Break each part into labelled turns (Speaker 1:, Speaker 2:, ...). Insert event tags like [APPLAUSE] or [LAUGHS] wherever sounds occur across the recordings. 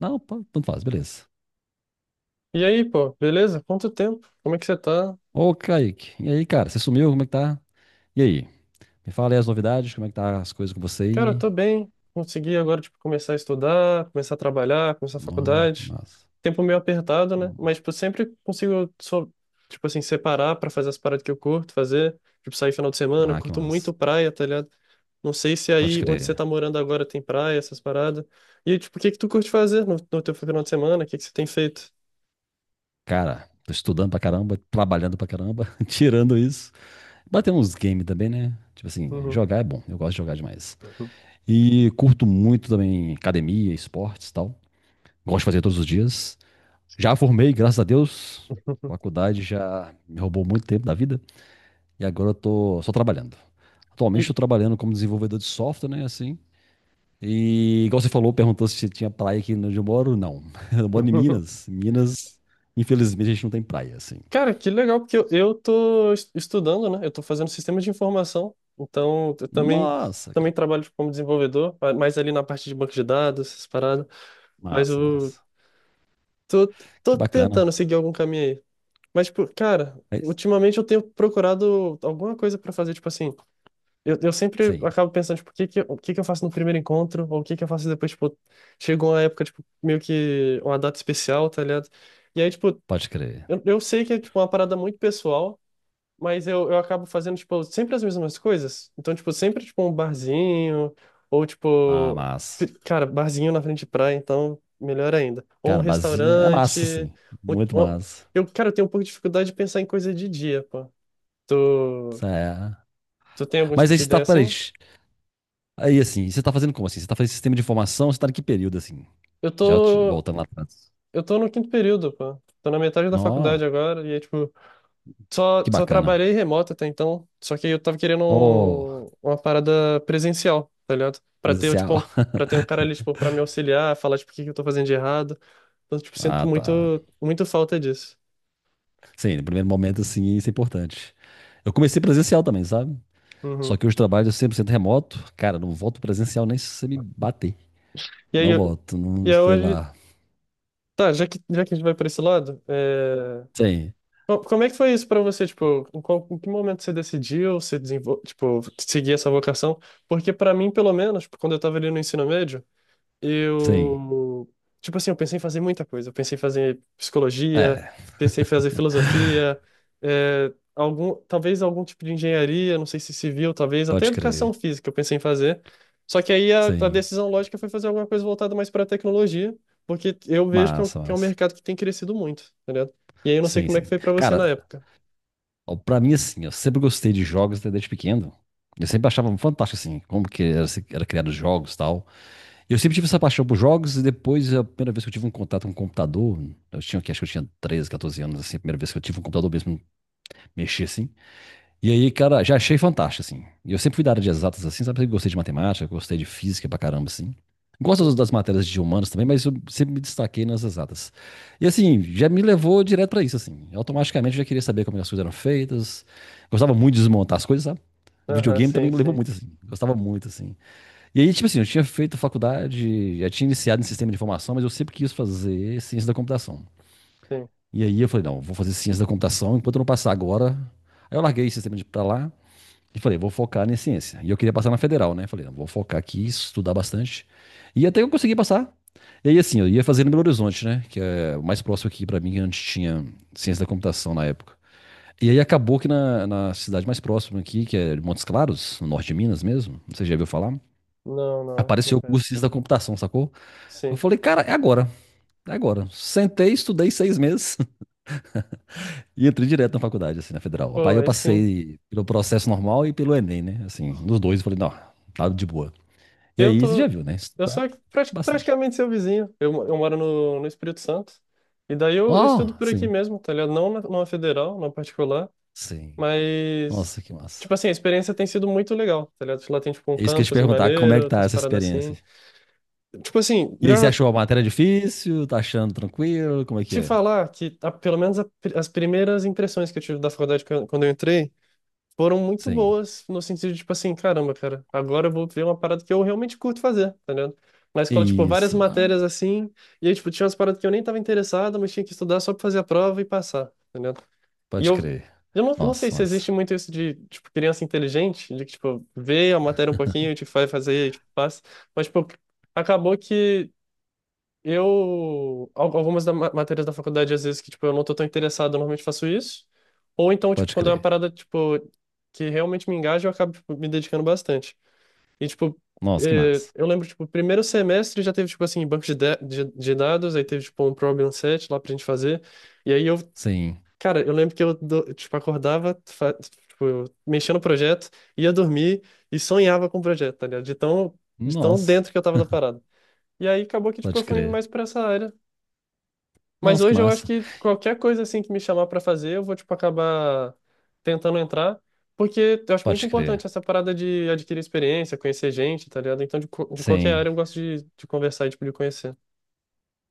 Speaker 1: Não, pô, tanto faz, beleza.
Speaker 2: E aí, pô, beleza? Quanto tempo? Como é que você tá?
Speaker 1: Ô, Kaique, e aí, cara, você sumiu? Como é que tá? E aí? Me fala aí as novidades, como é que tá as coisas com você
Speaker 2: Cara, eu
Speaker 1: aí?
Speaker 2: tô bem. Consegui agora, tipo, começar a estudar, começar a trabalhar, começar a
Speaker 1: Nossa, que
Speaker 2: faculdade.
Speaker 1: massa.
Speaker 2: Tempo meio apertado, né?
Speaker 1: Hum.
Speaker 2: Mas, tipo, sempre consigo, só, tipo assim, separar pra fazer as paradas que eu curto fazer. Tipo, sair final de semana. Eu
Speaker 1: Ah, que
Speaker 2: curto muito
Speaker 1: massa.
Speaker 2: praia, tá ligado? Não sei se
Speaker 1: Pode
Speaker 2: aí onde você
Speaker 1: crer.
Speaker 2: tá morando agora tem praia, essas paradas. E, tipo, o que que tu curte fazer no teu final de semana? O que que você tem feito?
Speaker 1: Cara, tô estudando pra caramba, trabalhando pra caramba, [LAUGHS] tirando isso. Bater uns games também, né? Tipo assim,
Speaker 2: Uhum.
Speaker 1: jogar é bom, eu gosto de jogar demais. E curto muito também academia, esportes e tal. Gosto de fazer todos os dias. Já formei, graças a Deus.
Speaker 2: [LAUGHS]
Speaker 1: Faculdade já me roubou muito tempo da vida. E agora eu tô só trabalhando. Atualmente
Speaker 2: E...
Speaker 1: estou trabalhando como desenvolvedor de software, né? Assim. E igual você falou, perguntou se tinha praia aqui onde eu moro. Não. [LAUGHS] Eu moro em
Speaker 2: [LAUGHS]
Speaker 1: Minas. Minas, infelizmente, a gente não tem praia, assim.
Speaker 2: Cara, que legal, porque eu tô estudando, né? Eu tô fazendo sistemas de informação, então eu também,
Speaker 1: Nossa,
Speaker 2: também
Speaker 1: cara.
Speaker 2: trabalho tipo, como desenvolvedor, mais ali na parte de banco de dados, essas paradas. Mas
Speaker 1: Massa,
Speaker 2: eu
Speaker 1: massa.
Speaker 2: tô,
Speaker 1: Que
Speaker 2: tô
Speaker 1: bacana.
Speaker 2: tentando seguir algum caminho aí. Mas, tipo, cara,
Speaker 1: É isso?
Speaker 2: ultimamente eu tenho procurado alguma coisa pra fazer, tipo assim, eu sempre
Speaker 1: Sim,
Speaker 2: acabo pensando, tipo, o que que, o que que eu faço no primeiro encontro, ou o que que eu faço depois, tipo, chegou uma época, tipo, meio que uma data especial, tá ligado? E aí, tipo,
Speaker 1: pode crer.
Speaker 2: eu sei que é, tipo, uma parada muito pessoal, mas eu acabo fazendo, tipo, sempre as mesmas coisas. Então, tipo, sempre, tipo, um barzinho, ou,
Speaker 1: Ah,
Speaker 2: tipo,
Speaker 1: massa.
Speaker 2: cara, barzinho na frente de praia, então, melhor ainda. Ou um
Speaker 1: Cara, basinha é massa,
Speaker 2: restaurante.
Speaker 1: sim.
Speaker 2: ou-
Speaker 1: Muito
Speaker 2: ou-
Speaker 1: massa.
Speaker 2: Eu, cara, eu tenho um pouco de dificuldade de pensar em coisa de dia, pô. Tu,
Speaker 1: Isso é.
Speaker 2: tu tem algum
Speaker 1: Mas
Speaker 2: tipo
Speaker 1: aí
Speaker 2: de
Speaker 1: você tá,
Speaker 2: ideia
Speaker 1: peraí.
Speaker 2: assim?
Speaker 1: Aí assim, você tá fazendo como assim? Você tá fazendo sistema de informação? Você tá em que período assim?
Speaker 2: Eu tô,
Speaker 1: Voltando lá atrás.
Speaker 2: eu tô no quinto período, pô. Tô na metade da faculdade agora, e é, tipo, só,
Speaker 1: Que
Speaker 2: só
Speaker 1: bacana.
Speaker 2: trabalhei remoto até então, só que eu tava querendo
Speaker 1: Oh,
Speaker 2: uma parada presencial, tá ligado? Pra ter, tipo,
Speaker 1: presencial.
Speaker 2: um,
Speaker 1: [LAUGHS]
Speaker 2: pra ter um cara ali, tipo, pra me auxiliar, falar, tipo, o que que eu tô fazendo de errado. Então, tipo, sinto
Speaker 1: Ah, tá.
Speaker 2: muito, muito falta disso.
Speaker 1: Sim, no primeiro momento, assim, isso é importante. Eu comecei presencial também, sabe? Só
Speaker 2: Uhum.
Speaker 1: que hoje trabalho 100% remoto. Cara, não volto presencial nem se você me bater.
Speaker 2: E aí,
Speaker 1: Não volto, não
Speaker 2: e aí
Speaker 1: sei
Speaker 2: hoje,
Speaker 1: lá.
Speaker 2: tá, já que a gente vai pra esse lado, é...
Speaker 1: Sim,
Speaker 2: como é que foi isso pra você, tipo, em, qual, em que momento você decidiu, você tipo, seguir essa vocação? Porque pra mim, pelo menos, tipo, quando eu tava ali no ensino médio,
Speaker 1: sim.
Speaker 2: eu, tipo assim, eu pensei em fazer muita coisa. Eu pensei em fazer psicologia,
Speaker 1: É,
Speaker 2: pensei em fazer filosofia, é, algum, talvez algum tipo de engenharia, não sei se civil, talvez até
Speaker 1: pode
Speaker 2: educação
Speaker 1: crer.
Speaker 2: física eu pensei em fazer. Só que aí a
Speaker 1: Sim.
Speaker 2: decisão lógica foi fazer alguma coisa voltada mais para a tecnologia, porque eu vejo
Speaker 1: Massa,
Speaker 2: que é um
Speaker 1: massa.
Speaker 2: mercado que tem crescido muito, tá ligado? E aí eu não sei
Speaker 1: Sim,
Speaker 2: como é que
Speaker 1: sim.
Speaker 2: foi para você na
Speaker 1: Cara,
Speaker 2: época.
Speaker 1: ó, pra mim, assim, eu sempre gostei de jogos até desde pequeno. Eu sempre achava fantástico, assim, como que era, era criado os jogos e tal. Eu sempre tive essa paixão por jogos e depois a primeira vez que eu tive um contato com um computador, eu tinha acho que eu tinha 13 14 anos, assim, a primeira vez que eu tive um computador mesmo, mexer assim. E aí, cara, já achei fantástico, assim. E eu sempre fui da área de exatas, assim, sabe? Eu gostei de matemática, gostei de física pra caramba, assim. Gosto das-
Speaker 2: Uhum.
Speaker 1: das matérias de humanas também, mas eu sempre me destaquei nas exatas. E assim, já me levou direto pra isso, assim. Eu automaticamente já queria saber como as coisas eram feitas. Gostava muito de desmontar as coisas, sabe?
Speaker 2: Aham,
Speaker 1: Videogame
Speaker 2: sim,
Speaker 1: também me levou
Speaker 2: sim,
Speaker 1: muito, assim. Gostava muito, assim. E aí, tipo assim, eu tinha feito faculdade, já tinha iniciado em sistema de informação, mas eu sempre quis fazer ciência da computação.
Speaker 2: sim.
Speaker 1: E aí eu falei, não, vou fazer ciência da computação enquanto eu não passar agora. Aí eu larguei o sistema de pra lá e falei, vou focar em ciência. E eu queria passar na federal, né? Falei, não, vou focar aqui, estudar bastante. E até que eu consegui passar. E aí, assim, eu ia fazer no Belo Horizonte, né? Que é o mais próximo aqui pra mim, que antes tinha ciência da computação na época. E aí acabou que na cidade mais próxima aqui, que é Montes Claros, no norte de Minas mesmo, você já viu falar?
Speaker 2: Não, não, não
Speaker 1: Apareceu o curso de
Speaker 2: penso.
Speaker 1: ciência da computação, sacou? Eu
Speaker 2: Sim.
Speaker 1: falei, cara, é agora, é agora. Sentei, estudei seis meses [LAUGHS] e entrei direto na faculdade, assim, na federal.
Speaker 2: Pô,
Speaker 1: Aí eu
Speaker 2: aí sim.
Speaker 1: passei pelo processo normal e pelo Enem, né? Assim, nos dois, eu falei, não, tá de boa. E
Speaker 2: Eu
Speaker 1: aí, você já
Speaker 2: tô.
Speaker 1: viu, né?
Speaker 2: Eu
Speaker 1: Estudar
Speaker 2: sou
Speaker 1: bastante.
Speaker 2: praticamente seu vizinho. Eu, eu moro no, no Espírito Santo. E daí eu estudo
Speaker 1: Oh,
Speaker 2: por aqui
Speaker 1: sim,
Speaker 2: mesmo, tá ligado? Não na, numa federal, numa particular.
Speaker 1: sim.
Speaker 2: Mas.
Speaker 1: Nossa, que massa.
Speaker 2: Tipo assim, a experiência tem sido muito legal, tá ligado? Lá tem, tipo, um
Speaker 1: É isso que eu ia te
Speaker 2: campus
Speaker 1: perguntar, como é que
Speaker 2: maneiro,
Speaker 1: tá
Speaker 2: umas
Speaker 1: essa
Speaker 2: paradas assim.
Speaker 1: experiência?
Speaker 2: Tipo assim,
Speaker 1: E aí,
Speaker 2: já
Speaker 1: você achou a matéria difícil? Tá achando tranquilo? Como é que
Speaker 2: te
Speaker 1: é?
Speaker 2: falar que, pelo menos a as primeiras impressões que eu tive da faculdade quando eu entrei, foram muito
Speaker 1: Sim.
Speaker 2: boas no sentido de, tipo assim, caramba, cara, agora eu vou ver uma parada que eu realmente curto fazer, tá ligado? Na escola, tipo, várias
Speaker 1: Isso. Ah,
Speaker 2: matérias assim, e aí, tipo, tinha umas paradas que eu nem tava interessado, mas tinha que estudar só pra fazer a prova e passar, tá ligado? E
Speaker 1: pode crer.
Speaker 2: eu não, não sei
Speaker 1: Nossa,
Speaker 2: se
Speaker 1: massa.
Speaker 2: existe muito isso de, tipo, criança inteligente, de que, tipo, vê a matéria um pouquinho, e, tipo, vai fazer, e, tipo, passa, mas, tipo, acabou que eu, algumas matérias da faculdade, às vezes, que, tipo, eu não tô tão interessado, eu normalmente faço isso. Ou então, tipo,
Speaker 1: Pode
Speaker 2: quando é uma
Speaker 1: crer.
Speaker 2: parada, tipo, que realmente me engaja, eu acabo, tipo, me dedicando bastante. E, tipo,
Speaker 1: Nossa, que massa.
Speaker 2: eu lembro, tipo, primeiro semestre já teve, tipo, assim, banco de, da- de dados, aí teve, tipo, um problem set lá pra gente fazer. E aí eu,
Speaker 1: Sim.
Speaker 2: cara, eu lembro que eu, tipo, acordava, tipo, mexia no projeto, ia dormir e sonhava com o projeto, tá ligado? De tão
Speaker 1: Nossa,
Speaker 2: dentro que eu tava da parada. E aí acabou que, tipo, eu
Speaker 1: pode
Speaker 2: fui indo
Speaker 1: crer.
Speaker 2: mais pra essa área. Mas
Speaker 1: Nossa, que
Speaker 2: hoje eu acho
Speaker 1: massa.
Speaker 2: que qualquer coisa assim que me chamar pra fazer, eu vou tipo acabar tentando entrar, porque eu acho muito
Speaker 1: Pode crer.
Speaker 2: importante essa parada de adquirir experiência, conhecer gente, tá ligado? Então de, de qualquer área
Speaker 1: Sim,
Speaker 2: eu gosto de conversar e tipo de conhecer.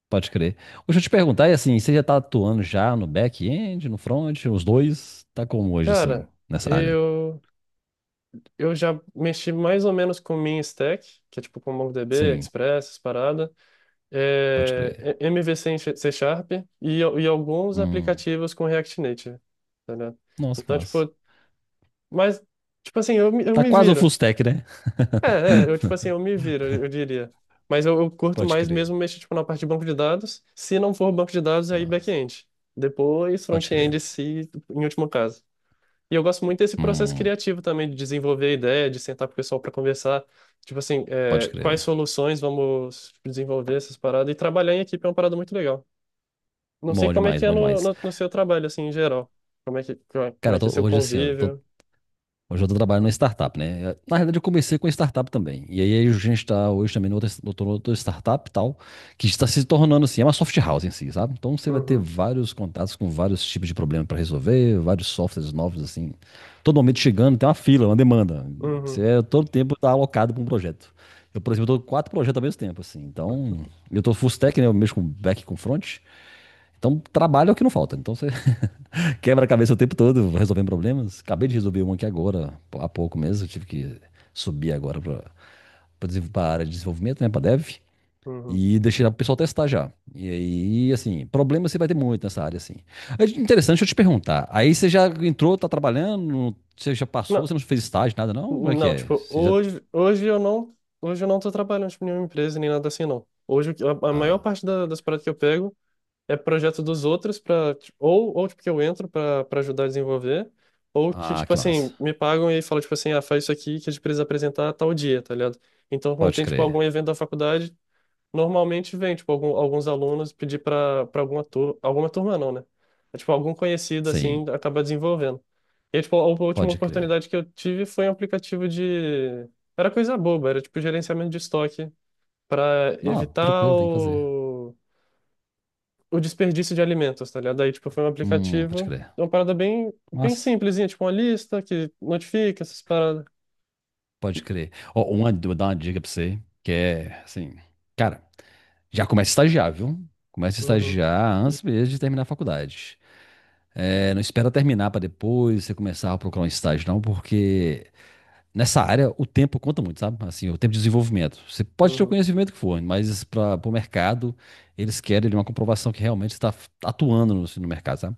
Speaker 1: pode crer. Deixa eu te perguntar, e assim, você já tá atuando já no back-end, no front, os dois? Tá como hoje, assim,
Speaker 2: Cara,
Speaker 1: nessa área?
Speaker 2: eu eu já mexi mais ou menos com min stack, que é tipo com MongoDB,
Speaker 1: Sim,
Speaker 2: Express, essas parada,
Speaker 1: pode crer.
Speaker 2: MVC em C Sharp e, e alguns
Speaker 1: Hum,
Speaker 2: aplicativos com React Native, tá ligado?
Speaker 1: nossa, que
Speaker 2: Então
Speaker 1: massa.
Speaker 2: tipo, mas tipo assim, eu, eu
Speaker 1: Tá
Speaker 2: me
Speaker 1: quase o full
Speaker 2: viro.
Speaker 1: stack, né?
Speaker 2: É, é, eu, tipo assim, eu me viro, eu diria. Mas eu curto
Speaker 1: Pode
Speaker 2: mais
Speaker 1: crer.
Speaker 2: mesmo mexer, tipo, na parte de banco de dados. Se não for banco de dados, aí
Speaker 1: Massa.
Speaker 2: back-end. Depois,
Speaker 1: Pode crer.
Speaker 2: front-end, se, em último caso. E eu gosto muito desse processo
Speaker 1: Hum,
Speaker 2: criativo também, de desenvolver a ideia, de sentar com o pessoal para conversar. Tipo assim,
Speaker 1: pode
Speaker 2: é, quais
Speaker 1: crer.
Speaker 2: soluções vamos desenvolver essas paradas. E trabalhar em equipe é uma parada muito legal. Não sei
Speaker 1: Bom
Speaker 2: como é
Speaker 1: demais,
Speaker 2: que é
Speaker 1: bom
Speaker 2: no,
Speaker 1: demais.
Speaker 2: no, no seu trabalho, assim, em geral. Como é que, como
Speaker 1: Cara,
Speaker 2: é que é seu
Speaker 1: hoje, assim, eu tô
Speaker 2: convívio.
Speaker 1: Hoje eu estou trabalhando numa startup, né? Na realidade, eu comecei com startup também. E aí a gente está hoje também outra startup e tal, que está se tornando assim, é uma soft house em si, sabe? Então você vai ter
Speaker 2: Uhum,
Speaker 1: vários contatos com vários tipos de problemas para resolver, vários softwares novos, assim. Todo momento chegando, tem uma fila, uma demanda. Você
Speaker 2: uhum,
Speaker 1: é, todo tempo está alocado para um projeto. Eu, por exemplo, estou com quatro projetos ao mesmo tempo, assim. Então, eu estou full stack, né? Eu mexo com back e com front. Então, trabalho é o que não falta. Então, você quebra-cabeça o tempo todo, resolvendo problemas. Acabei de resolver um aqui agora, há pouco mesmo. Eu tive que subir agora para a área de desenvolvimento, né, para dev.
Speaker 2: uhum.
Speaker 1: E deixei o pessoal testar já. E aí, assim, problema você vai ter muito nessa área, assim. É interessante, deixa eu te perguntar. Aí você já entrou, tá trabalhando, você já passou, você
Speaker 2: Não.
Speaker 1: não fez estágio, nada, não? Como é que
Speaker 2: Não,
Speaker 1: é?
Speaker 2: tipo,
Speaker 1: Você já.
Speaker 2: hoje, hoje eu não tô trabalhando tipo, em nenhuma empresa nem nada assim, não. Hoje a maior
Speaker 1: Ah,
Speaker 2: parte das paradas que eu pego é projeto dos outros para ou tipo que eu entro para ajudar a desenvolver, ou que
Speaker 1: ah,
Speaker 2: tipo
Speaker 1: que
Speaker 2: assim,
Speaker 1: massa.
Speaker 2: me pagam e falam tipo assim, ah, faz isso aqui que a gente precisa apresentar tal dia, tá ligado? Então, quando
Speaker 1: Pode
Speaker 2: tem tipo
Speaker 1: crer.
Speaker 2: algum evento da faculdade, normalmente vem, tipo, alguns alunos pedir para alguma turma não, né? É, tipo, algum conhecido, assim,
Speaker 1: Sim,
Speaker 2: acaba desenvolvendo. E, aí, tipo, a última
Speaker 1: pode crer.
Speaker 2: oportunidade que eu tive foi um aplicativo de... Era coisa boba, era, tipo, gerenciamento de estoque para
Speaker 1: Não,
Speaker 2: evitar
Speaker 1: tranquilo, tem que fazer.
Speaker 2: o desperdício de alimentos, tá ligado? Aí, tipo, foi um
Speaker 1: Pode
Speaker 2: aplicativo,
Speaker 1: crer.
Speaker 2: uma parada bem, bem
Speaker 1: Massa.
Speaker 2: simplesinha, tipo, uma lista que notifica essas paradas.
Speaker 1: Pode crer. Ó, uma, vou dar uma dica pra você, que é assim, cara, já começa a estagiar, viu? Começa a
Speaker 2: Uhum,
Speaker 1: estagiar antes mesmo de terminar a faculdade. É, não espera terminar pra depois você começar a procurar um estágio, não, porque nessa área o tempo conta muito, sabe? Assim, o tempo de desenvolvimento. Você pode ter o
Speaker 2: uhum,
Speaker 1: conhecimento que for, mas para o mercado, eles querem ali, uma comprovação que realmente está atuando no mercado, sabe?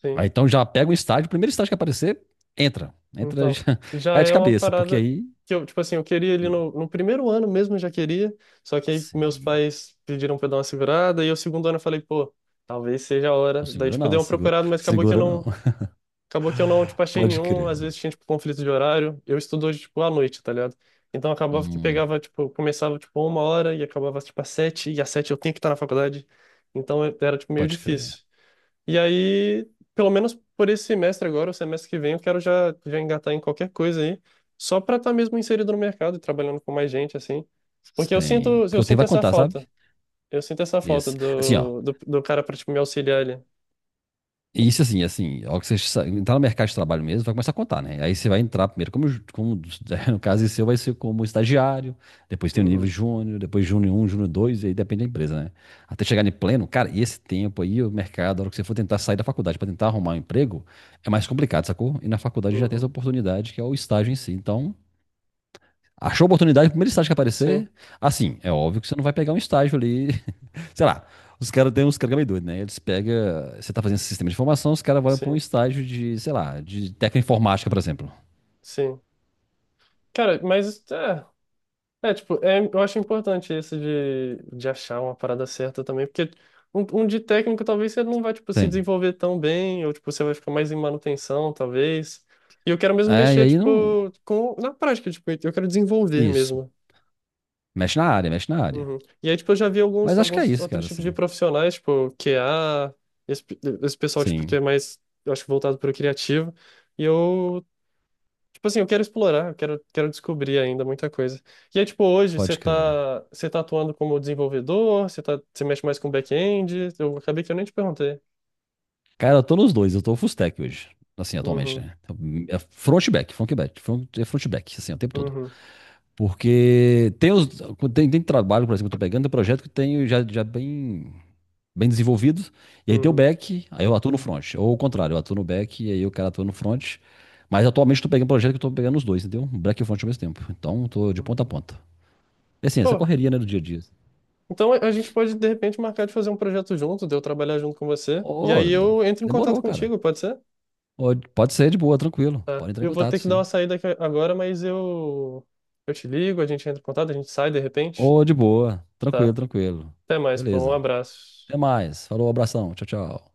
Speaker 2: sim.
Speaker 1: Aí, então já pega um estágio, o primeiro estágio que aparecer, entra. Entra
Speaker 2: Então,
Speaker 1: já, [LAUGHS]
Speaker 2: já
Speaker 1: é de
Speaker 2: é uma
Speaker 1: cabeça, porque
Speaker 2: parada
Speaker 1: aí.
Speaker 2: que eu, tipo assim, eu queria ali no, no primeiro ano mesmo, eu já queria, só que aí meus
Speaker 1: Sim.
Speaker 2: pais pediram pra eu dar uma segurada, e o segundo ano eu falei, pô, talvez seja a
Speaker 1: Não
Speaker 2: hora. Daí,
Speaker 1: segura
Speaker 2: tipo, dei
Speaker 1: não,
Speaker 2: uma
Speaker 1: segura,
Speaker 2: procurada, mas acabou que eu
Speaker 1: segura não.
Speaker 2: não,
Speaker 1: [LAUGHS]
Speaker 2: acabou que eu não, tipo, achei
Speaker 1: Pode
Speaker 2: nenhum,
Speaker 1: crer.
Speaker 2: às vezes tinha, tipo, conflito de horário, eu estudo hoje, tipo, à noite, tá ligado? Então acabava que
Speaker 1: Hum,
Speaker 2: pegava, tipo, começava, tipo, uma hora e acabava, tipo, às sete, e às sete eu tinha que estar na faculdade, então era, tipo, meio
Speaker 1: pode crer.
Speaker 2: difícil. E aí, pelo menos por esse semestre agora, o semestre que vem, eu quero já, já engatar em qualquer coisa aí, só para estar mesmo inserido no mercado e trabalhando com mais gente, assim. Porque
Speaker 1: Sim. Porque
Speaker 2: eu
Speaker 1: o tempo
Speaker 2: sinto
Speaker 1: vai
Speaker 2: essa
Speaker 1: contar, sabe?
Speaker 2: falta. Eu sinto essa falta
Speaker 1: Isso. Assim, ó.
Speaker 2: do cara para, tipo, me auxiliar ali.
Speaker 1: Isso assim, assim, ó, que entrar no mercado de trabalho mesmo, vai começar a contar, né? Aí você vai entrar primeiro como, como [LAUGHS] no caso seu, vai ser como estagiário, depois tem o nível
Speaker 2: Uhum,
Speaker 1: júnior, depois júnior um júnior 2 e aí depende da empresa, né? Até chegar em pleno, cara, e esse tempo aí, o mercado, a hora que você for tentar sair da faculdade para tentar arrumar um emprego, é mais complicado, sacou? E na faculdade já tem essa
Speaker 2: uhum.
Speaker 1: oportunidade que é o estágio em si. Então, achou oportunidade, o primeiro estágio que
Speaker 2: Sim,
Speaker 1: aparecer. Assim, é óbvio que você não vai pegar um estágio ali. [LAUGHS] Sei lá, os caras têm uns caras meio doidos, né? Eles pegam. Você tá fazendo esse sistema de informação, os caras vão pra um
Speaker 2: sim,
Speaker 1: estágio de, sei lá, de técnica informática, por exemplo.
Speaker 2: sim. Cara, mas é. É, tipo, é, eu acho importante isso de achar uma parada certa também, porque um de técnico talvez você não vai, tipo, se
Speaker 1: Tem.
Speaker 2: desenvolver tão bem, ou, tipo, você vai ficar mais em manutenção, talvez. E eu quero mesmo
Speaker 1: É, e
Speaker 2: mexer,
Speaker 1: aí não.
Speaker 2: tipo, com, na prática, tipo, eu quero desenvolver
Speaker 1: Isso.
Speaker 2: mesmo.
Speaker 1: Mexe na área, mexe na área.
Speaker 2: Uhum. E aí, tipo, eu já vi alguns,
Speaker 1: Mas acho que é
Speaker 2: alguns
Speaker 1: isso,
Speaker 2: outros
Speaker 1: cara,
Speaker 2: tipos de
Speaker 1: assim.
Speaker 2: profissionais, tipo, QA, esse, esse pessoal, tipo, que
Speaker 1: Sim,
Speaker 2: é mais, eu acho, voltado para o criativo. E eu tipo assim, eu quero explorar, eu quero, quero descobrir ainda muita coisa. E aí, tipo, hoje
Speaker 1: pode crer.
Speaker 2: você tá atuando como desenvolvedor, você tá, você mexe mais com back-end, eu acabei que eu nem te perguntei.
Speaker 1: Cara, eu tô nos dois, eu tô full stack hoje. Assim, atualmente,
Speaker 2: Uhum,
Speaker 1: né? Então, é front e back, front e back, front, é front e back, assim, o tempo todo.
Speaker 2: uhum,
Speaker 1: Porque tem trabalho, por exemplo, que eu tô pegando, tem projeto que eu tenho já bem, bem desenvolvido, e aí tem o
Speaker 2: uhum,
Speaker 1: back, aí eu atuo no front. Ou o contrário, eu atuo no back e aí o cara atua no front. Mas atualmente eu tô pegando projeto que eu tô pegando os dois, entendeu? Back e front ao mesmo tempo. Então eu tô de ponta a
Speaker 2: uhum.
Speaker 1: ponta. E assim, essa
Speaker 2: Pô,
Speaker 1: correria, né, do dia a dia.
Speaker 2: então a gente pode, de repente, marcar de fazer um projeto junto, de eu trabalhar junto com você, e
Speaker 1: Ô,
Speaker 2: aí eu entro em contato
Speaker 1: demorou, cara.
Speaker 2: contigo, pode ser?
Speaker 1: Ô, pode ser de boa, tranquilo.
Speaker 2: Tá.
Speaker 1: Pode entrar em
Speaker 2: Eu vou
Speaker 1: contato,
Speaker 2: ter que dar uma
Speaker 1: sim.
Speaker 2: saída aqui agora, mas eu te ligo, a gente entra em contato, a gente sai de repente.
Speaker 1: Ô, de boa, tranquilo,
Speaker 2: Tá.
Speaker 1: tranquilo.
Speaker 2: Até mais, pô, um
Speaker 1: Beleza.
Speaker 2: abraço.
Speaker 1: Até mais. Falou, abração. Tchau, tchau.